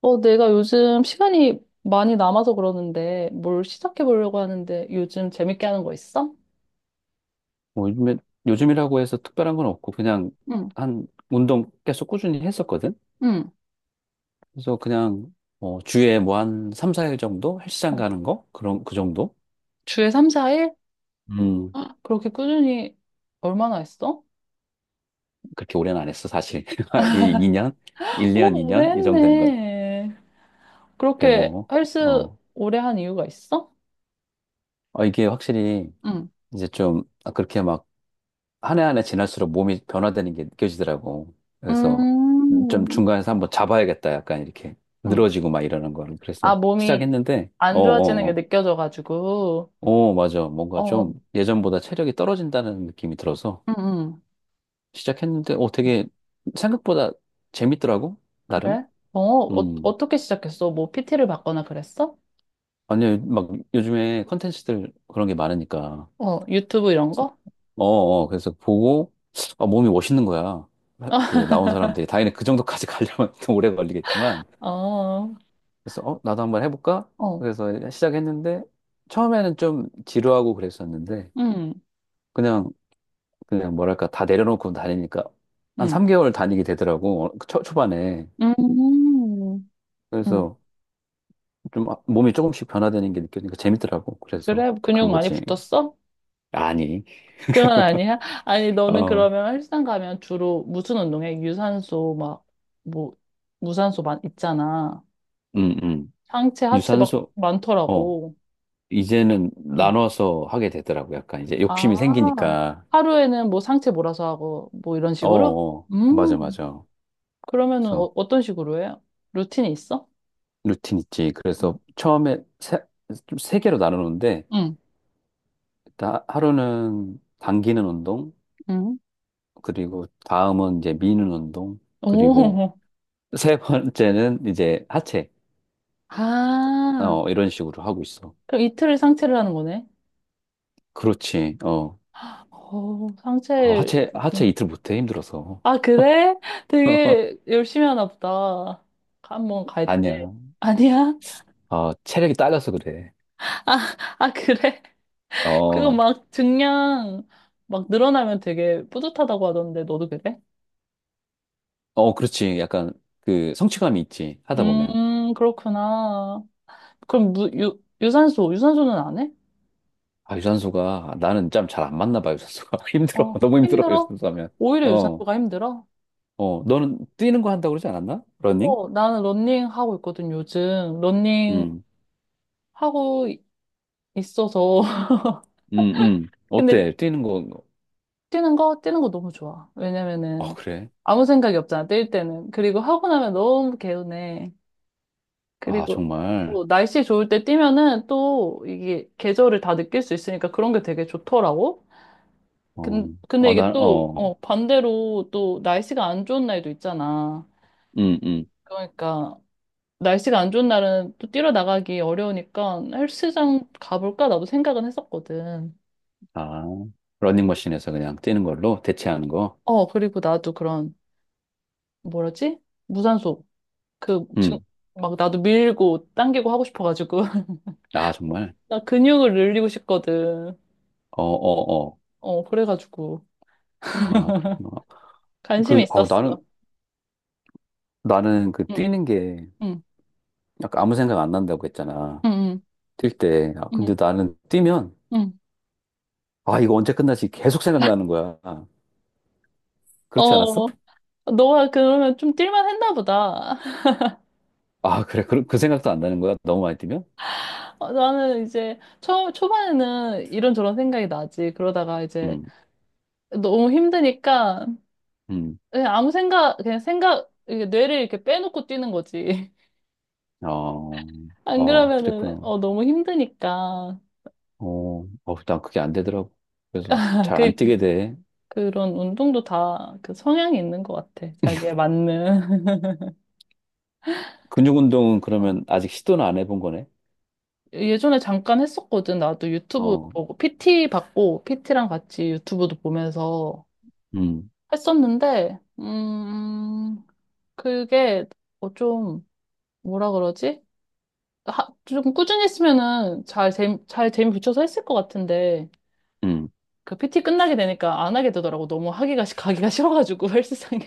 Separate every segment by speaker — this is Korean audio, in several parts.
Speaker 1: 내가 요즘 시간이 많이 남아서 그러는데 뭘 시작해 보려고 하는데 요즘 재밌게 하는 거 있어?
Speaker 2: 뭐 요즘에, 요즘이라고 해서 특별한 건 없고, 그냥
Speaker 1: 응,
Speaker 2: 한 운동 계속 꾸준히 했었거든?
Speaker 1: 응.
Speaker 2: 그래서 그냥, 주에 뭐 한 3, 4일 정도? 헬스장
Speaker 1: 어,
Speaker 2: 가는 거? 그런, 그 정도?
Speaker 1: 주에 3, 4일?
Speaker 2: 음,
Speaker 1: 그렇게 꾸준히 얼마나 했어?
Speaker 2: 그렇게 오래는 안 했어, 사실. 이 2년? 1년,
Speaker 1: 오래
Speaker 2: 2년? 이 년? 이 정도 되는 것
Speaker 1: 했네.
Speaker 2: 같아,
Speaker 1: 그렇게
Speaker 2: 뭐.
Speaker 1: 헬스
Speaker 2: 어,
Speaker 1: 오래 한 이유가 있어?
Speaker 2: 어, 이게 확실히
Speaker 1: 응.
Speaker 2: 이제 좀, 아, 그렇게 막, 한 해 한 해 지날수록 몸이 변화되는 게 느껴지더라고. 그래서 좀
Speaker 1: 음,
Speaker 2: 중간에서 한번 잡아야겠다, 약간 이렇게.
Speaker 1: 응,
Speaker 2: 늘어지고 막 이러는 거를.
Speaker 1: 아,
Speaker 2: 그래서
Speaker 1: 몸이
Speaker 2: 시작했는데,
Speaker 1: 안 좋아지는 게
Speaker 2: 어어어.
Speaker 1: 느껴져가지고.
Speaker 2: 어, 맞아. 뭔가
Speaker 1: 어,
Speaker 2: 좀 예전보다 체력이 떨어진다는 느낌이 들어서
Speaker 1: 응, 응.
Speaker 2: 시작했는데, 되게 생각보다 재밌더라고, 나름.
Speaker 1: 그래?
Speaker 2: 음.
Speaker 1: 어떻게 시작했어? 뭐 PT를 받거나 그랬어?
Speaker 2: 아니, 막 요즘에 컨텐츠들 그런 게 많으니까.
Speaker 1: 어, 유튜브 이런 거?
Speaker 2: 어, 어, 그래서 보고, 아, 몸이 멋있는 거야. 그, 나온 사람들이. 당연히 그 정도까지 가려면 좀 오래 걸리겠지만.
Speaker 1: 어,
Speaker 2: 그래서, 나도 한번 해볼까?
Speaker 1: 어,
Speaker 2: 그래서 시작했는데, 처음에는 좀 지루하고 그랬었는데,
Speaker 1: 음,
Speaker 2: 그냥 그냥 뭐랄까 다 내려놓고 다니니까 한
Speaker 1: 음,
Speaker 2: 3개월 다니게 되더라고. 그 초반에.
Speaker 1: 음, 음.
Speaker 2: 그래서 좀 몸이 조금씩 변화되는 게 느껴지니까 재밌더라고. 그래서
Speaker 1: 그래?
Speaker 2: 간
Speaker 1: 근육 많이
Speaker 2: 거지.
Speaker 1: 붙었어?
Speaker 2: 아니.
Speaker 1: 그건 아니야? 아니, 너는
Speaker 2: 어.
Speaker 1: 그러면 헬스장 가면 주로 무슨 운동해? 유산소, 막, 뭐, 무산소 많, 있잖아.
Speaker 2: 음. 음.
Speaker 1: 상체, 하체 막
Speaker 2: 유산소. 어
Speaker 1: 많더라고.
Speaker 2: 이제는
Speaker 1: 응.
Speaker 2: 나눠서 하게 되더라고. 약간 이제 욕심이
Speaker 1: 아,
Speaker 2: 생기니까.
Speaker 1: 하루에는 뭐 상체 몰아서 하고, 뭐 이런
Speaker 2: 어,
Speaker 1: 식으로?
Speaker 2: 어, 맞아,
Speaker 1: 음,
Speaker 2: 맞아.
Speaker 1: 그러면은
Speaker 2: 그래서
Speaker 1: 어떤 식으로 해요? 루틴이 있어?
Speaker 2: 루틴 있지. 그래서 처음에 세, 좀세 개로 나누는데
Speaker 1: 응,
Speaker 2: 일단 하루는 당기는 운동,
Speaker 1: 응.
Speaker 2: 그리고 다음은 이제 미는 운동, 그리고
Speaker 1: 오,
Speaker 2: 세 번째는 이제 하체,
Speaker 1: 아.
Speaker 2: 이런 식으로 하고 있어.
Speaker 1: 그럼 이틀을 상체를 하는 거네?
Speaker 2: 그렇지, 어.
Speaker 1: 어,
Speaker 2: 어,
Speaker 1: 상체.
Speaker 2: 하체, 하체 이틀 못해, 힘들어서.
Speaker 1: 아, 그래? 되게 열심히 하나 보다. 한번 갈 때.
Speaker 2: 아니야.
Speaker 1: 아니야?
Speaker 2: 어, 체력이 딸려서 그래.
Speaker 1: 아, 아, 그래? 그거
Speaker 2: 어,
Speaker 1: 막 증량 막 늘어나면 되게 뿌듯하다고 하던데, 너도 그래?
Speaker 2: 어, 그렇지. 약간 그 성취감이 있지, 하다 보면.
Speaker 1: 그렇구나. 그럼 유산소, 유산소는 안 해?
Speaker 2: 아, 유산소가, 나는 짬 잘 안 맞나 봐, 유산소가. 힘들어.
Speaker 1: 어,
Speaker 2: 너무 힘들어,
Speaker 1: 힘들어?
Speaker 2: 유산소 하면.
Speaker 1: 오히려
Speaker 2: 어,
Speaker 1: 유산소가 힘들어?
Speaker 2: 어, 너는 뛰는 거 한다고 그러지 않았나? 러닝?
Speaker 1: 나는 러닝 하고 있거든, 요즘. 러닝
Speaker 2: 응,
Speaker 1: 하고 있어서.
Speaker 2: 응, 응.
Speaker 1: 근데
Speaker 2: 어때? 뛰는 거,
Speaker 1: 뛰는 거 너무 좋아.
Speaker 2: 어,
Speaker 1: 왜냐면은
Speaker 2: 그래.
Speaker 1: 아무 생각이 없잖아, 뛸 때는. 그리고 하고 나면 너무 개운해.
Speaker 2: 아,
Speaker 1: 그리고
Speaker 2: 정말.
Speaker 1: 날씨 좋을 때 뛰면은 또 이게 계절을 다 느낄 수 있으니까 그런 게 되게 좋더라고.
Speaker 2: 어,
Speaker 1: 근데
Speaker 2: 아,
Speaker 1: 이게
Speaker 2: 난,
Speaker 1: 또
Speaker 2: 어,
Speaker 1: 반대로 또 날씨가 안 좋은 날도 있잖아.
Speaker 2: 음, 음.
Speaker 1: 그러니까 날씨가 안 좋은 날은 또 뛰러 나가기 어려우니까 헬스장 가볼까? 나도 생각은 했었거든.
Speaker 2: 아, 러닝머신에서 그냥 뛰는 걸로 대체하는 거.
Speaker 1: 그리고 나도 그런 뭐라지? 무산소 그, 중,
Speaker 2: 음,
Speaker 1: 막 나도 밀고 당기고 하고 싶어가지고.
Speaker 2: 아, 정말.
Speaker 1: 나 근육을 늘리고 싶거든.
Speaker 2: 어, 어, 어.
Speaker 1: 어, 그래가지고.
Speaker 2: 아, 그렇구나.
Speaker 1: 관심이
Speaker 2: 그, 어, 나는,
Speaker 1: 있었어.
Speaker 2: 나는 그
Speaker 1: 응,
Speaker 2: 뛰는 게
Speaker 1: 응,
Speaker 2: 약간 아무 생각 안 난다고 했잖아.
Speaker 1: 응, 응,
Speaker 2: 뛸 때. 아, 근데
Speaker 1: 응.
Speaker 2: 나는 뛰면,
Speaker 1: 응.
Speaker 2: 아, 이거 언제 끝나지? 계속 생각나는 거야. 그렇지 않았어?
Speaker 1: 어, 너가 그러면 좀 뛸만 했나 보다.
Speaker 2: 아, 그래. 그 생각도 안 나는 거야. 너무 많이 뛰면?
Speaker 1: 나는 이제 초반에는 이런저런 생각이 나지. 그러다가 이제
Speaker 2: 음,
Speaker 1: 너무 힘드니까
Speaker 2: 음.
Speaker 1: 그냥 아무 생각, 그냥 생각, 이게 뇌를 이렇게 빼놓고 뛰는 거지.
Speaker 2: 어,
Speaker 1: 안
Speaker 2: 어,
Speaker 1: 그러면은,
Speaker 2: 그랬구나.
Speaker 1: 너무 힘드니까.
Speaker 2: 어, 어, 난 그게 안 되더라고. 그래서 잘 안 뛰게 돼.
Speaker 1: 그런 운동도 다 그 성향이 있는 것 같아. 자기에 맞는.
Speaker 2: 근육 운동은
Speaker 1: 어.
Speaker 2: 그러면 아직 시도는 안 해본 거네.
Speaker 1: 예전에 잠깐 했었거든. 나도 유튜브
Speaker 2: 어,
Speaker 1: 보고, PT 받고, PT랑 같이 유튜브도 보면서
Speaker 2: 음,
Speaker 1: 했었는데, 그게 좀, 뭐라 그러지? 좀 꾸준히 했으면은 잘 재미 붙여서 했을 것 같은데,
Speaker 2: 음.
Speaker 1: 그 PT 끝나게 되니까 안 하게 되더라고. 너무 하기가, 가기가 싫어가지고, 헬스장에.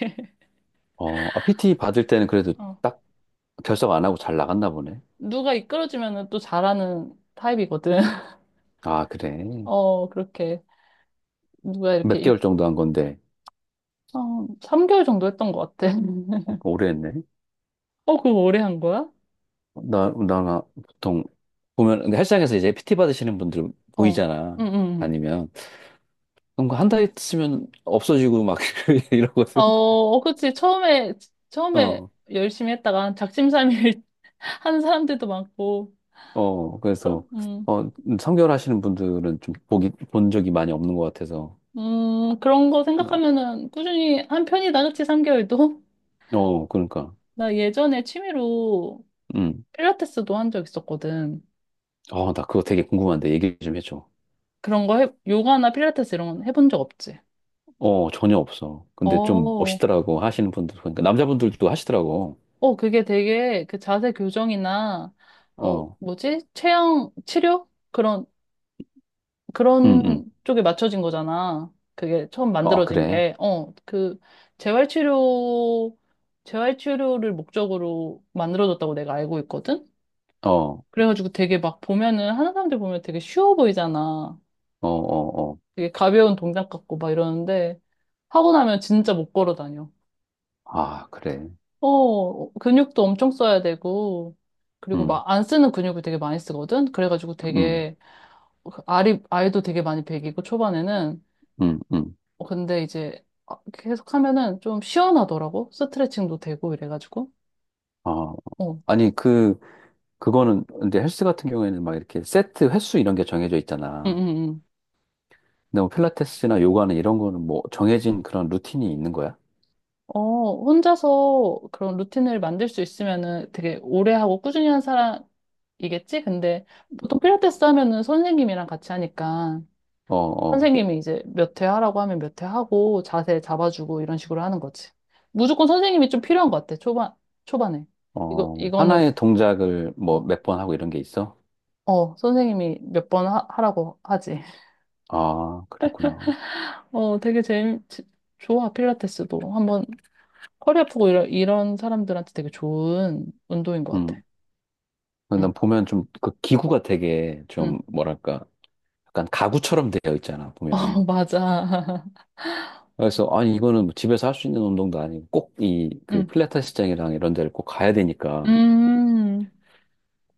Speaker 2: 어, 아, PT 받을 때는 그래도
Speaker 1: 어.
Speaker 2: 딱 결석 안 하고 잘 나갔나 보네.
Speaker 1: 누가 이끌어주면은 또 잘하는 타입이거든.
Speaker 2: 아, 그래.
Speaker 1: 그렇게 누가 이렇게
Speaker 2: 몇 개월 정도 한 건데,
Speaker 1: 3개월 정도 했던 것 같아.
Speaker 2: 어, 오래 했네.
Speaker 1: 어, 그거 오래 한 거야?
Speaker 2: 나 보통 보면, 근데 헬스장에서 이제 PT 받으시는 분들
Speaker 1: 어,
Speaker 2: 보이잖아.
Speaker 1: 응, 응. 응.
Speaker 2: 아니면, 그럼 한 달 있으면 없어지고 막
Speaker 1: 어,
Speaker 2: 이러거든.
Speaker 1: 어, 그치. 처음에
Speaker 2: 어,
Speaker 1: 열심히 했다가 작심삼일 한 사람들도 많고.
Speaker 2: 어, 그래서,
Speaker 1: 그럼, 음,
Speaker 2: 3개월 하시는 분들은 좀 본 적이 많이 없는 것 같아서.
Speaker 1: 그런 거
Speaker 2: 음,
Speaker 1: 생각하면은 꾸준히 한 편이다, 그치? 3개월도?
Speaker 2: 어, 그러니까.
Speaker 1: 나 예전에 취미로
Speaker 2: 음.
Speaker 1: 필라테스도 한 적 있었거든.
Speaker 2: 어, 나 그거 되게 궁금한데 얘기 좀 해줘.
Speaker 1: 그런 거 해, 요가나 필라테스 이런 건 해본 적 없지?
Speaker 2: 어, 전혀 없어. 근데 좀
Speaker 1: 어,
Speaker 2: 멋있더라고, 하시는 분들. 그러니까 남자분들도 하시더라고.
Speaker 1: 그게 되게 그 자세 교정이나,
Speaker 2: 어,
Speaker 1: 뭐지? 체형 치료? 그런
Speaker 2: 응, 응.
Speaker 1: 쪽에 맞춰진 거잖아. 그게 처음
Speaker 2: 어,
Speaker 1: 만들어진
Speaker 2: 그래.
Speaker 1: 게. 재활치료, 재활치료를 목적으로 만들어졌다고 내가 알고 있거든?
Speaker 2: 어, 어,
Speaker 1: 그래가지고 되게 막 보면은, 하는 사람들 보면 되게 쉬워 보이잖아.
Speaker 2: 어, 어.
Speaker 1: 되게 가벼운 동작 같고 막 이러는데, 하고 나면 진짜 못 걸어 다녀.
Speaker 2: 아, 그래.
Speaker 1: 근육도 엄청 써야 되고, 그리고
Speaker 2: 응,
Speaker 1: 막 안 쓰는 근육을 되게 많이 쓰거든? 그래가지고
Speaker 2: 응,
Speaker 1: 되게, 알도 되게 많이 배기고, 초반에는.
Speaker 2: 응, 응.
Speaker 1: 근데 이제 계속 하면은 좀 시원하더라고? 스트레칭도 되고, 이래가지고.
Speaker 2: 아,
Speaker 1: 어, 응,
Speaker 2: 아니, 근데 헬스 같은 경우에는 막 이렇게 세트 횟수 이런 게 정해져
Speaker 1: 응,
Speaker 2: 있잖아.
Speaker 1: 응.
Speaker 2: 근데 뭐 필라테스나 요가는 이런 거는 뭐 정해진 그런 루틴이 있는 거야?
Speaker 1: 혼자서 그런 루틴을 만들 수 있으면은 되게 오래 하고 꾸준히 한 사람이겠지? 근데 보통 필라테스 하면은 선생님이랑 같이 하니까.
Speaker 2: 어, 어,
Speaker 1: 선생님이 이제 몇 회 하라고 하면 몇 회 하고 자세 잡아주고 이런 식으로 하는 거지. 무조건 선생님이 좀 필요한 것 같아. 초반에. 이거
Speaker 2: 어,
Speaker 1: 이거는
Speaker 2: 하나의 동작을 뭐
Speaker 1: 어,
Speaker 2: 몇 번 하고 이런 게 있어?
Speaker 1: 선생님이 몇 번 하라고 하지.
Speaker 2: 아, 그랬구나.
Speaker 1: 되게 재밌, 좋아. 필라테스도 한번. 허리 아프고 이런 사람들한테 되게 좋은 운동인 것 같아.
Speaker 2: 음.
Speaker 1: 응,
Speaker 2: 난 보면 좀 그 기구가 되게
Speaker 1: 응,
Speaker 2: 좀 뭐랄까 약간 가구처럼 되어 있잖아,
Speaker 1: 어,
Speaker 2: 보면.
Speaker 1: 맞아.
Speaker 2: 그래서 아니 이거는 뭐 집에서 할 수 있는 운동도 아니고 꼭 이 그 필라테스장이랑 이런 데를 꼭 가야
Speaker 1: 응,
Speaker 2: 되니까.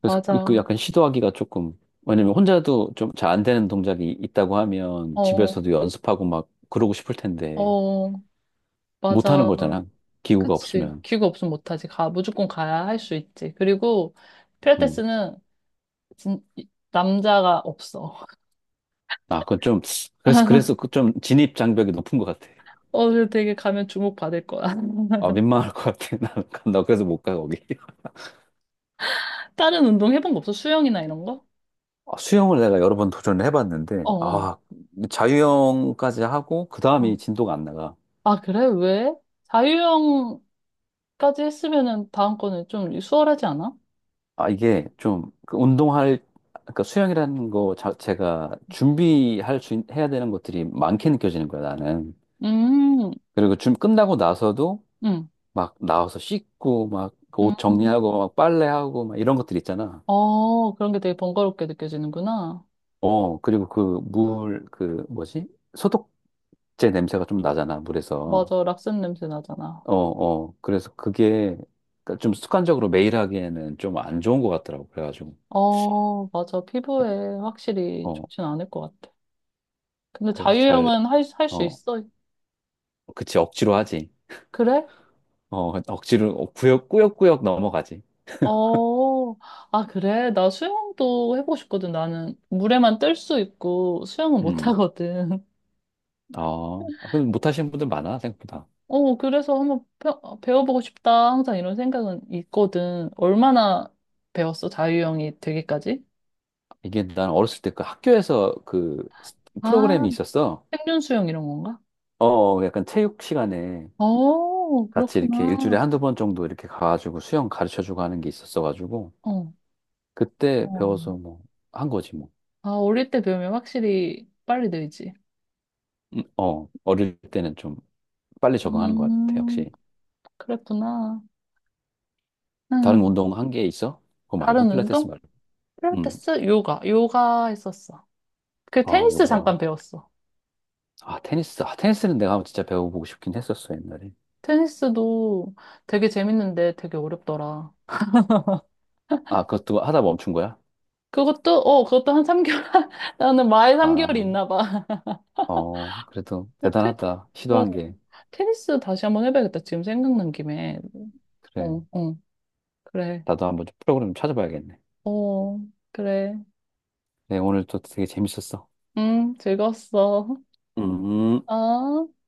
Speaker 2: 그래서 그그
Speaker 1: 맞아.
Speaker 2: 약간 시도하기가 조금, 왜냐면 혼자도 좀 잘 안 되는 동작이 있다고 하면
Speaker 1: 어,
Speaker 2: 집에서도 연습하고 막 그러고 싶을 텐데
Speaker 1: 어,
Speaker 2: 못하는
Speaker 1: 맞아.
Speaker 2: 거잖아. 기구가
Speaker 1: 그치.
Speaker 2: 없으면.
Speaker 1: 기구 없으면 못하지. 무조건 가야 할 수 있지. 그리고
Speaker 2: 음.
Speaker 1: 필라테스는 진, 남자가 없어.
Speaker 2: 아, 그건 좀, 그래서 그 좀 진입 장벽이 높은 것 같아.
Speaker 1: 어, 그래서 되게 가면 주목받을 거야.
Speaker 2: 아, 민망할 것 같아. 나는 간다. 그래서 못 가, 거기.
Speaker 1: 다른 운동 해본 거 없어? 수영이나 이런 거?
Speaker 2: 아, 수영을 내가 여러 번 도전을 해봤는데,
Speaker 1: 어, 어.
Speaker 2: 아, 자유형까지 하고, 그
Speaker 1: 어.
Speaker 2: 다음이 진도가 안 나가.
Speaker 1: 아, 그래? 왜? 자유형까지 했으면은 다음 거는 좀 수월하지 않아?
Speaker 2: 아, 이게 그러니까 수영이라는 거 자체가 해야 되는 것들이 많게 느껴지는 거야, 나는.
Speaker 1: 음,
Speaker 2: 그리고 좀 끝나고 나서도
Speaker 1: 음,
Speaker 2: 막 나와서 씻고, 막 옷
Speaker 1: 음.
Speaker 2: 정리하고, 막 빨래하고, 막 이런 것들 있잖아.
Speaker 1: 그런 게 되게 번거롭게 느껴지는구나.
Speaker 2: 어, 그리고 그 물, 그 뭐지? 소독제 냄새가 좀 나잖아, 물에서.
Speaker 1: 맞아, 락슨 냄새 나잖아.
Speaker 2: 어, 어. 그래서 그게 그러니까 좀 습관적으로 매일 하기에는 좀 안 좋은 것 같더라고. 그래가지고.
Speaker 1: 어, 맞아. 피부에 확실히
Speaker 2: 어,
Speaker 1: 좋진 않을 것 같아. 근데
Speaker 2: 그래서 잘,
Speaker 1: 자유형은 할 수
Speaker 2: 어,
Speaker 1: 있어.
Speaker 2: 그치, 억지로 하지.
Speaker 1: 그래?
Speaker 2: 어, 그러니까 억지로, 꾸역꾸역 넘어가지.
Speaker 1: 어, 아, 그래. 나 수영도 해보고 싶거든. 나는 물에만 뜰 수 있고 수영은 못
Speaker 2: 음.
Speaker 1: 하거든.
Speaker 2: 어, 아, 근데 못하시는 분들 많아, 생각보다.
Speaker 1: 그래서 한번 배워보고 싶다. 항상 이런 생각은 있거든. 얼마나 배웠어? 자유형이 되기까지?
Speaker 2: 이게 난 어렸을 때 그 학교에서 그
Speaker 1: 아,
Speaker 2: 프로그램이 있었어.
Speaker 1: 생존 수영 이런 건가?
Speaker 2: 어, 어, 약간 체육 시간에
Speaker 1: 어,
Speaker 2: 같이 이렇게
Speaker 1: 그렇구나.
Speaker 2: 일주일에 한두 번 정도 이렇게 가가지고 수영 가르쳐 주고 하는 게 있었어가지고
Speaker 1: 어,
Speaker 2: 그때
Speaker 1: 어.
Speaker 2: 배워서 뭐 한 거지 뭐.
Speaker 1: 아, 어릴 때 배우면 확실히 빨리 늘지.
Speaker 2: 어, 어릴 때는 좀 빨리 적응하는 것 같아.
Speaker 1: 음,
Speaker 2: 역시.
Speaker 1: 그랬구나.
Speaker 2: 다른
Speaker 1: 음,
Speaker 2: 운동 한 게 있어? 그거 말고
Speaker 1: 다른
Speaker 2: 필라테스
Speaker 1: 운동?
Speaker 2: 말고. 음.
Speaker 1: 필라테스? 요가. 요가 했었어. 그
Speaker 2: 아,
Speaker 1: 테니스
Speaker 2: 요가.
Speaker 1: 잠깐 배웠어.
Speaker 2: 아, 테니스. 아, 테니스는 내가 한번 진짜 배워보고 싶긴 했었어, 옛날에.
Speaker 1: 테니스도 되게 재밌는데 되게 어렵더라.
Speaker 2: 아, 그것도 하다 멈춘 거야?
Speaker 1: 그것도 한 3개월, 나는 마에
Speaker 2: 아,
Speaker 1: 3개월이 있나 봐.
Speaker 2: 어, 그래도
Speaker 1: 어, 테,
Speaker 2: 대단하다.
Speaker 1: 어,
Speaker 2: 시도한 게.
Speaker 1: 테니스 다시 한번 해봐야겠다. 지금 생각난 김에. 어,
Speaker 2: 그래.
Speaker 1: 어, 그래.
Speaker 2: 나도 한번 좀 프로그램 찾아봐야겠네.
Speaker 1: 어, 그래.
Speaker 2: 네, 오늘 또 되게 재밌었어.
Speaker 1: 응, 즐거웠어.
Speaker 2: 음.
Speaker 1: 어.